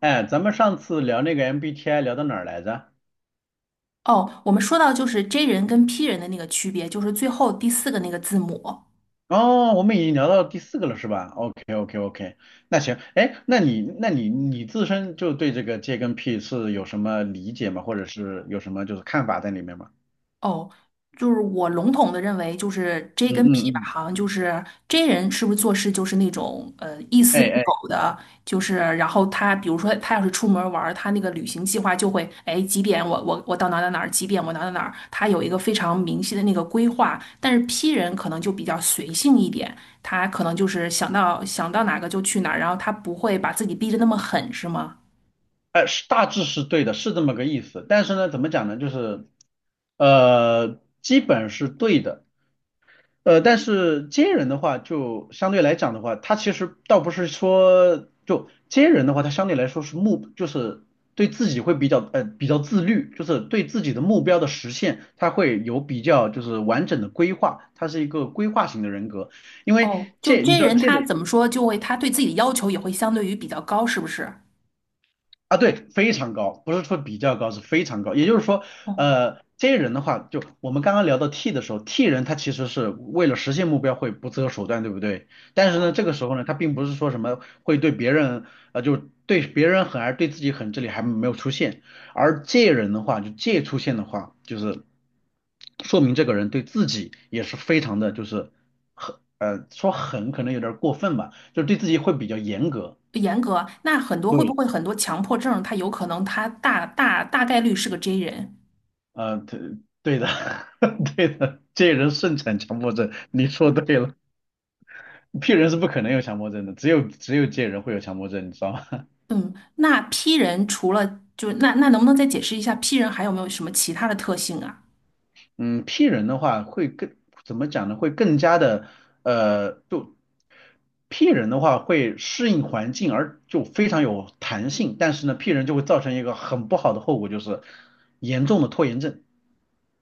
哎，咱们上次聊那个 MBTI 聊到哪儿来着？哦，我们说到就是 J 人跟 P 人的那个区别，就是最后第四个那个字母。哦，我们已经聊到第四个了，是吧？OK OK OK，那行，哎，那你那你你自身就对这个 J 跟 P 是有什么理解吗？或者是有什么就是看法在里面吗？哦，就是我笼统的认为，就是 嗯 J 跟 嗯 P 吧，嗯，好像就是 J 人是不是做事就是那种一丝哎不哎苟的。就是然后他比如说他要是出门玩儿，他那个旅行计划就会，哎，几点我到哪儿哪儿哪儿，几点我哪儿哪儿哪儿，他有一个非常明晰的那个规划。但是 P 人可能就比较随性一点，他可能就是想到哪个就去哪儿，然后他不会把自己逼得那么狠，是吗？哎，是大致是对的，是这么个意思。但是呢，怎么讲呢？就是基本是对的，但是接人的话，就相对来讲的话，他其实倒不是说就接人的话，他相对来说是目，就是对自己会比较自律，就是对自己的目标的实现，他会有比较就是完整的规划，他是一个规划型的人格。因为哦，就 借你 J 知道人借他的怎么说，就会他对自己的要求也会相对于比较高，是不是？啊，对，非常高，不是说比较高，是非常高。也就是说，哦这些人的话，就我们刚刚聊到 T 的时候，T 人他其实是为了实现目标会不择手段，对不对？但是呢，哦，这个时候呢，他并不是说什么会对别人，就对别人狠，而对自己狠，这里还没有出现。而借人的话，就借出现的话，就是说明这个人对自己也是非常的，就是很，说狠可能有点儿过分吧，就是对自己会比较严格。严格。那很多，会不对，会很多强迫症，他有可能他大概率是个 J 人。对对的，对的，借人盛产强迫症，你说对了。P 人是不可能有强迫症的，只有借人会有强迫症，你知道吗？嗯，那 P 人除了就那能不能再解释一下 P 人还有没有什么其他的特性啊？嗯，P 人的话会更怎么讲呢？会更加的就 P 人的话会适应环境，而就非常有弹性。但是呢，P 人就会造成一个很不好的后果，就是严重的拖延症。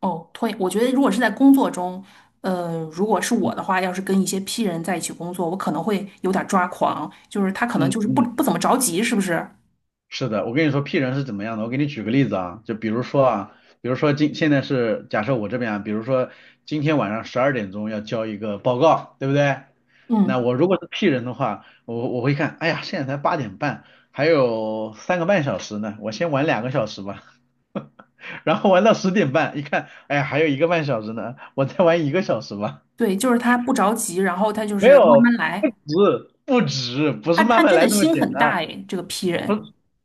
哦，拖延我觉得如果是在工作中，如果是我嗯的话，要是跟一些 P 人在一起工作，我可能会有点抓狂，就是他可能嗯就是不嗯，不怎么着急，是不是？是的，我跟你说 P 人是怎么样的，我给你举个例子啊，就比如说啊，比如说现在是假设我这边啊，比如说今天晚上十二点钟要交一个报告，对不对？那嗯。我如果是 P 人的话，我会看，哎呀，现在才八点半，还有三个半小时呢，我先玩两个小时吧，然后玩到十点半，一看，哎呀，还有一个半小时呢，我再玩一个小时吧。对，就是他不着急，然后他就没是慢有，慢不来。止，不止，不他是他慢慢真来的这么心简很单。大诶，这个 P 不人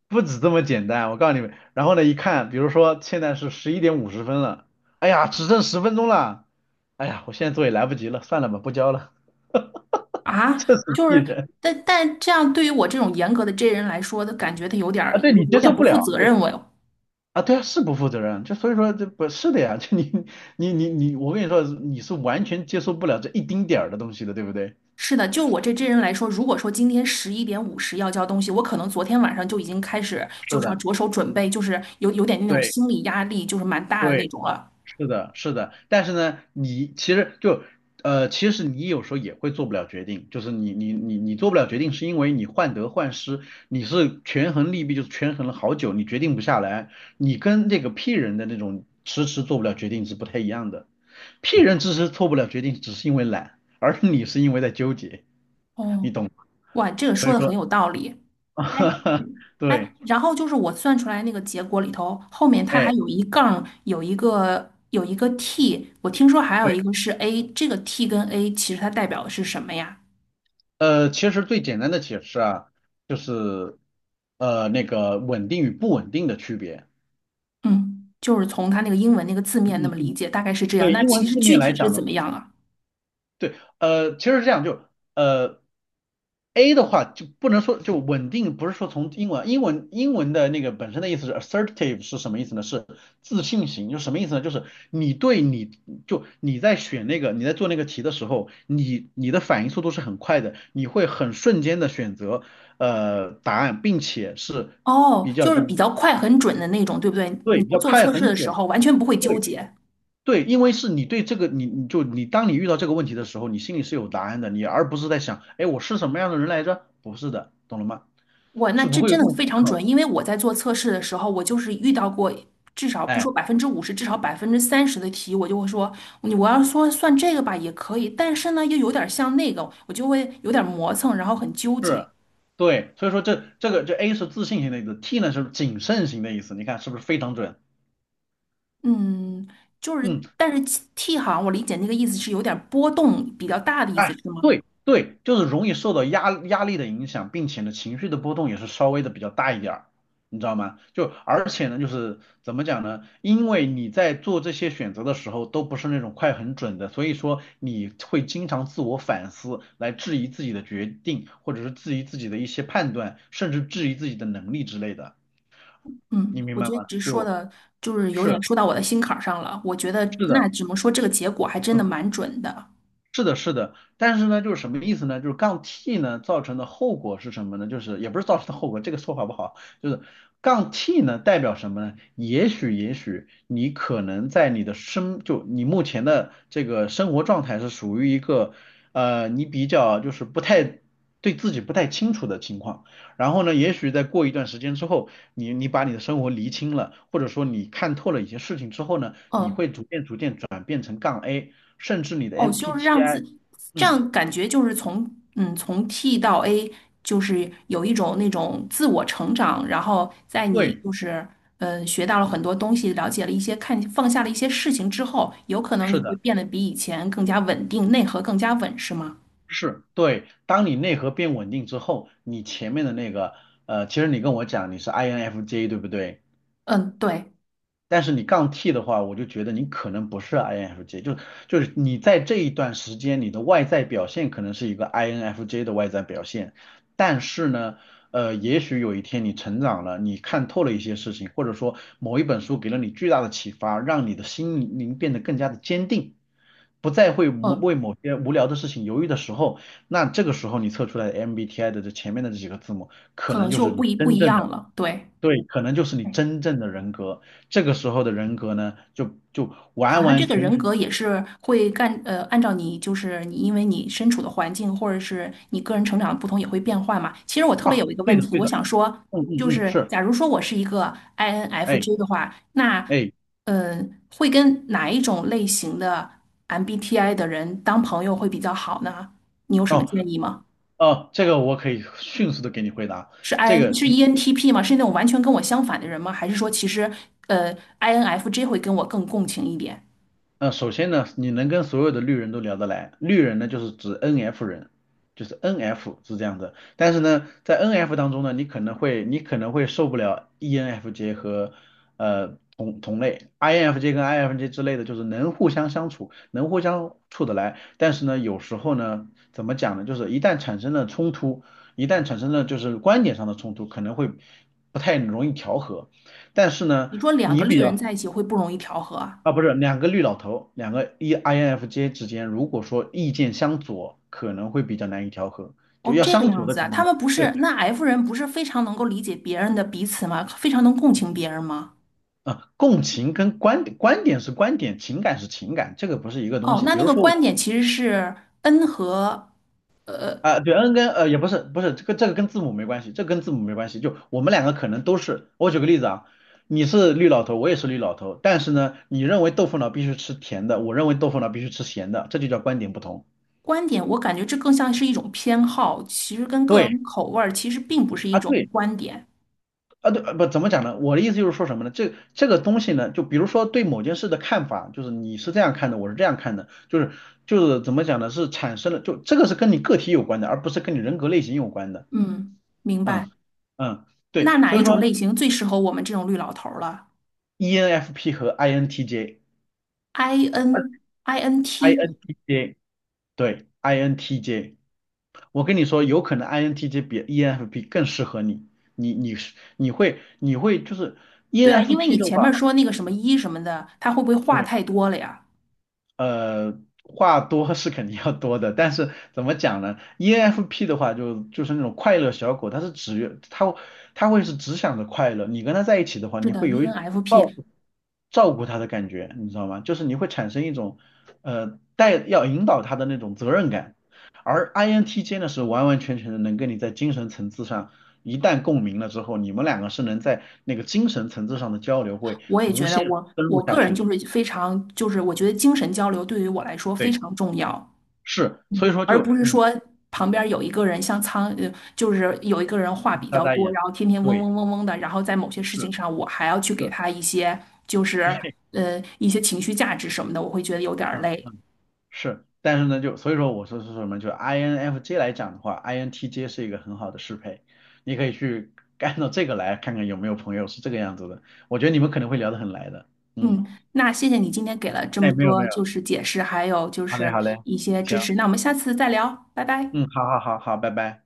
不止这么简单，我告诉你们。然后呢，一看，比如说现在是十一点五十分了，哎呀，只剩十分钟了，哎呀，我现在做也来不及了，算了吧，不交了，啊。这是就鄙是，人但但这样对于我这种严格的 J 人来说，他感觉他有点儿啊！对就你是有接点受不不负了责任我哟。啊，对啊，是不负责任，就所以说这不是的呀，就你，我跟你说，你是完全接受不了这一丁点儿的东西的，对不对？是的，就我这 J 人来说，如果说今天11:50要交东西，我可能昨天晚上就已经开始是就是要的，着手准备，就是有点那种对心理压力，就是蛮大的那对。种了。是的，是的，但是呢，你其实就其实你有时候也会做不了决定，就是你做不了决定，是因为你患得患失，你是权衡利弊，就是权衡了好久，你决定不下来，你跟这个 P 人的那种迟迟做不了决定是不太一样的，P 人迟迟做不了决定，只是因为懒，而你是因为在纠结，你哦，懂吗哇，这个所说以的很说，有道理。哎 哎，对，然后就是我算出来那个结果里头，后面它还哎。有一杠，有一个 t,我听说还有对。一个是 a,这个 t 跟 a 其实它代表的是什么呀？其实最简单的解释啊，就是那个稳定与不稳定的区别。嗯，就是从它那个英文那个字面那么嗯理嗯，解，大概是这样。对，那英文其实字具面来体是讲的。怎么样啊？对，其实是这样，就呃，A 的话就不能说就稳定，不是说从英文的那个本身的意思是 assertive 是什么意思呢？是自信型，就什么意思呢？就是你对你就你在选那个你在做那个题的时候，你的反应速度是很快的，你会很瞬间的选择答案，并且是哦，比较就是就是比较快很准的那种，对不对？你对比在较做快测试很的时准。候完全不会纠对。结。对，因为是你对这个，你你就你当你遇到这个问题的时候，你心里是有答案的，你而不是在想，哎，我是什么样的人来着？不是的，懂了吗？我那是不这会有真这的种非思常考的，准，因为我在做测试的时候，我就是遇到过至少不哎，说50%，至少30%的题，我就会说，你我要说算这个吧也可以，但是呢又有点像那个，我就会有点磨蹭，然后很纠结。是，对，所以说这A 是自信型的意思，T 呢是谨慎型的意思，你看是不是非常准？就嗯。是，但是 T 好像我理解那个意思是有点波动比较大的意思，哎，是吗？对对，就是容易受到压力的影响，并且呢，情绪的波动也是稍微的比较大一点儿，你知道吗？就而且呢，就是怎么讲呢？因为你在做这些选择的时候都不是那种快很准的，所以说你会经常自我反思，来质疑自己的决定，或者是质疑自己的一些判断，甚至质疑自己的能力之类的，嗯，你明我白觉吗？得你这说就的就是有点是说到我的心坎儿上了。我觉得是的，那只能说这个结果还真的嗯。蛮准的。是的，是的，但是呢，就是什么意思呢？就是杠 T 呢造成的后果是什么呢？就是也不是造成的后果，这个说法不好，就是杠 T 呢代表什么呢？也许，也许你可能在你的生，就你目前的这个生活状态是属于一个，你比较就是不太对自己不太清楚的情况，然后呢，也许在过一段时间之后，你把你的生活厘清了，或者说你看透了一些事情之后呢。你嗯，会逐渐逐渐转变成杠 A，甚至你的 哦，就是让自 MPTI，这嗯，样感觉就是从嗯从 T 到 A,就是有一种那种自我成长，然后在你对，就是嗯学到了很多东西，了解了一些看放下了一些事情之后，有可能你是会的，变得比以前更加稳定，内核更加稳，是吗？是，对。当你内核变稳定之后，你前面的那个，其实你跟我讲你是 INFJ 对不对？嗯，对，但是你杠 T 的话，我就觉得你可能不是 INFJ，就是你在这一段时间，你的外在表现可能是一个 INFJ 的外在表现，但是呢，也许有一天你成长了，你看透了一些事情，或者说某一本书给了你巨大的启发，让你的心灵变得更加的坚定，不再会嗯，某些无聊的事情犹豫的时候，那这个时候你测出来的 MBTI 的这前面的这几个字母，可可能能就就是不你一不真一正样的。了，对。对，可能就是你真正的人格。这个时候的人格呢，就好完像这完个全人全格也是会干，按照你就是你，因为你身处的环境或者是你个人成长的不同也会变化嘛。其实我特别啊，有一个对问的，题，对我的，想说，嗯嗯就嗯，是是，假如说我是一个 哎 INFJ 的话，那哎，呃，会跟哪一种类型的 MBTI 的人当朋友会比较好呢？你有什么哦建议吗？哦，这个我可以迅速的给你回答。是 这 IN 个是 ENTP 吗？是那种完全跟我相反的人吗？还是说其实呃 INFJ 会跟我更共情一点？首先呢，你能跟所有的绿人都聊得来，绿人呢就是指 NF 人，就是 NF 是这样的。但是呢，在 NF 当中呢，你可能会受不了 ENFJ 和同类，INFJ 跟 INFJ 之类的，就是能互相相处，能互相处得来。但是呢，有时候呢，怎么讲呢，就是一旦产生了冲突，一旦产生了就是观点上的冲突，可能会不太容易调和。但是呢，你说两个你绿比人在较一起会不容易调和啊？啊，不是两个绿老头，两个 E INFJ 之间，如果说意见相左，可能会比较难以调和，就哦，要这个相样左的子啊，情况他下，们不是，对，那 F 人不是非常能够理解别人的彼此吗？非常能共情别人吗？啊，共情跟观点，观点是观点，情感是情感，这个不是一个东哦，西。那比那如个说我观点其实是 N 和啊、对，N 跟也不是，不是这个跟字母没关系，这跟字母没关系，就我们两个可能都是，我举个例子啊，你是绿老头，我也是绿老头，但是呢，你认为豆腐脑必须吃甜的，我认为豆腐脑必须吃咸的，这就叫观点不同。观点，我感觉这更像是一种偏好，其实跟个对人口味儿其实并不是一啊，种对。观点。啊，对，不怎么讲呢？我的意思就是说什么呢？这东西呢，就比如说对某件事的看法，就是你是这样看的，我是这样看的，就是怎么讲呢？是产生了，就这个是跟你个体有关的，而不是跟你人格类型有关的。嗯，明白。嗯嗯，那对，哪所一以说 种类型最适合我们这种绿老头儿了 ENFP 和 INTJ，INTJ，？I N I N T,人对，INTJ，我跟你说，有可能 INTJ 比 ENFP 更适合你，你会就是 对啊，因为 ENFP 你的前面话。说那个什么一什么的，他会不会话对太多了呀？呃，话多是肯定要多的，但是怎么讲呢？ENFP 的话就是那种快乐小狗，它会是只想着快乐。你跟它在一起的话，是你的会有一种照，ENFP。顾照顾它的感觉，你知道吗？就是你会产生一种要引导它的那种责任感。而 INTJ 呢是完完全全的能跟你在精神层次上一旦共鸣了之后，你们两个是能在那个精神层次上的交流会我也无觉得限我深入我下个人去。就是非常就是我觉得精神交流对于我来说非对。常重要，是，所以说而就不是你说旁边有一个人像就是有一个人话比大较大多，眼，然后天天嗡对，嗡嗡嗡的，然后在某些事是情上我还要去给是，他一些就是一些情绪价值什么的，我会觉得有点儿嗯累。嗯是，但是呢，就所以说我说是什么，就 INFJ 来讲的话，INTJ 是一个很好的适配，你可以去按照这个来看看有没有朋友是这个样子的，我觉得你们可能会聊得很来的，嗯，嗯，那谢谢你今天给了这么那没有没多有，就是解释，还有就好嘞是好嘞，一些行，支持，那我们下次再聊，拜拜。嗯，好好好好，拜拜。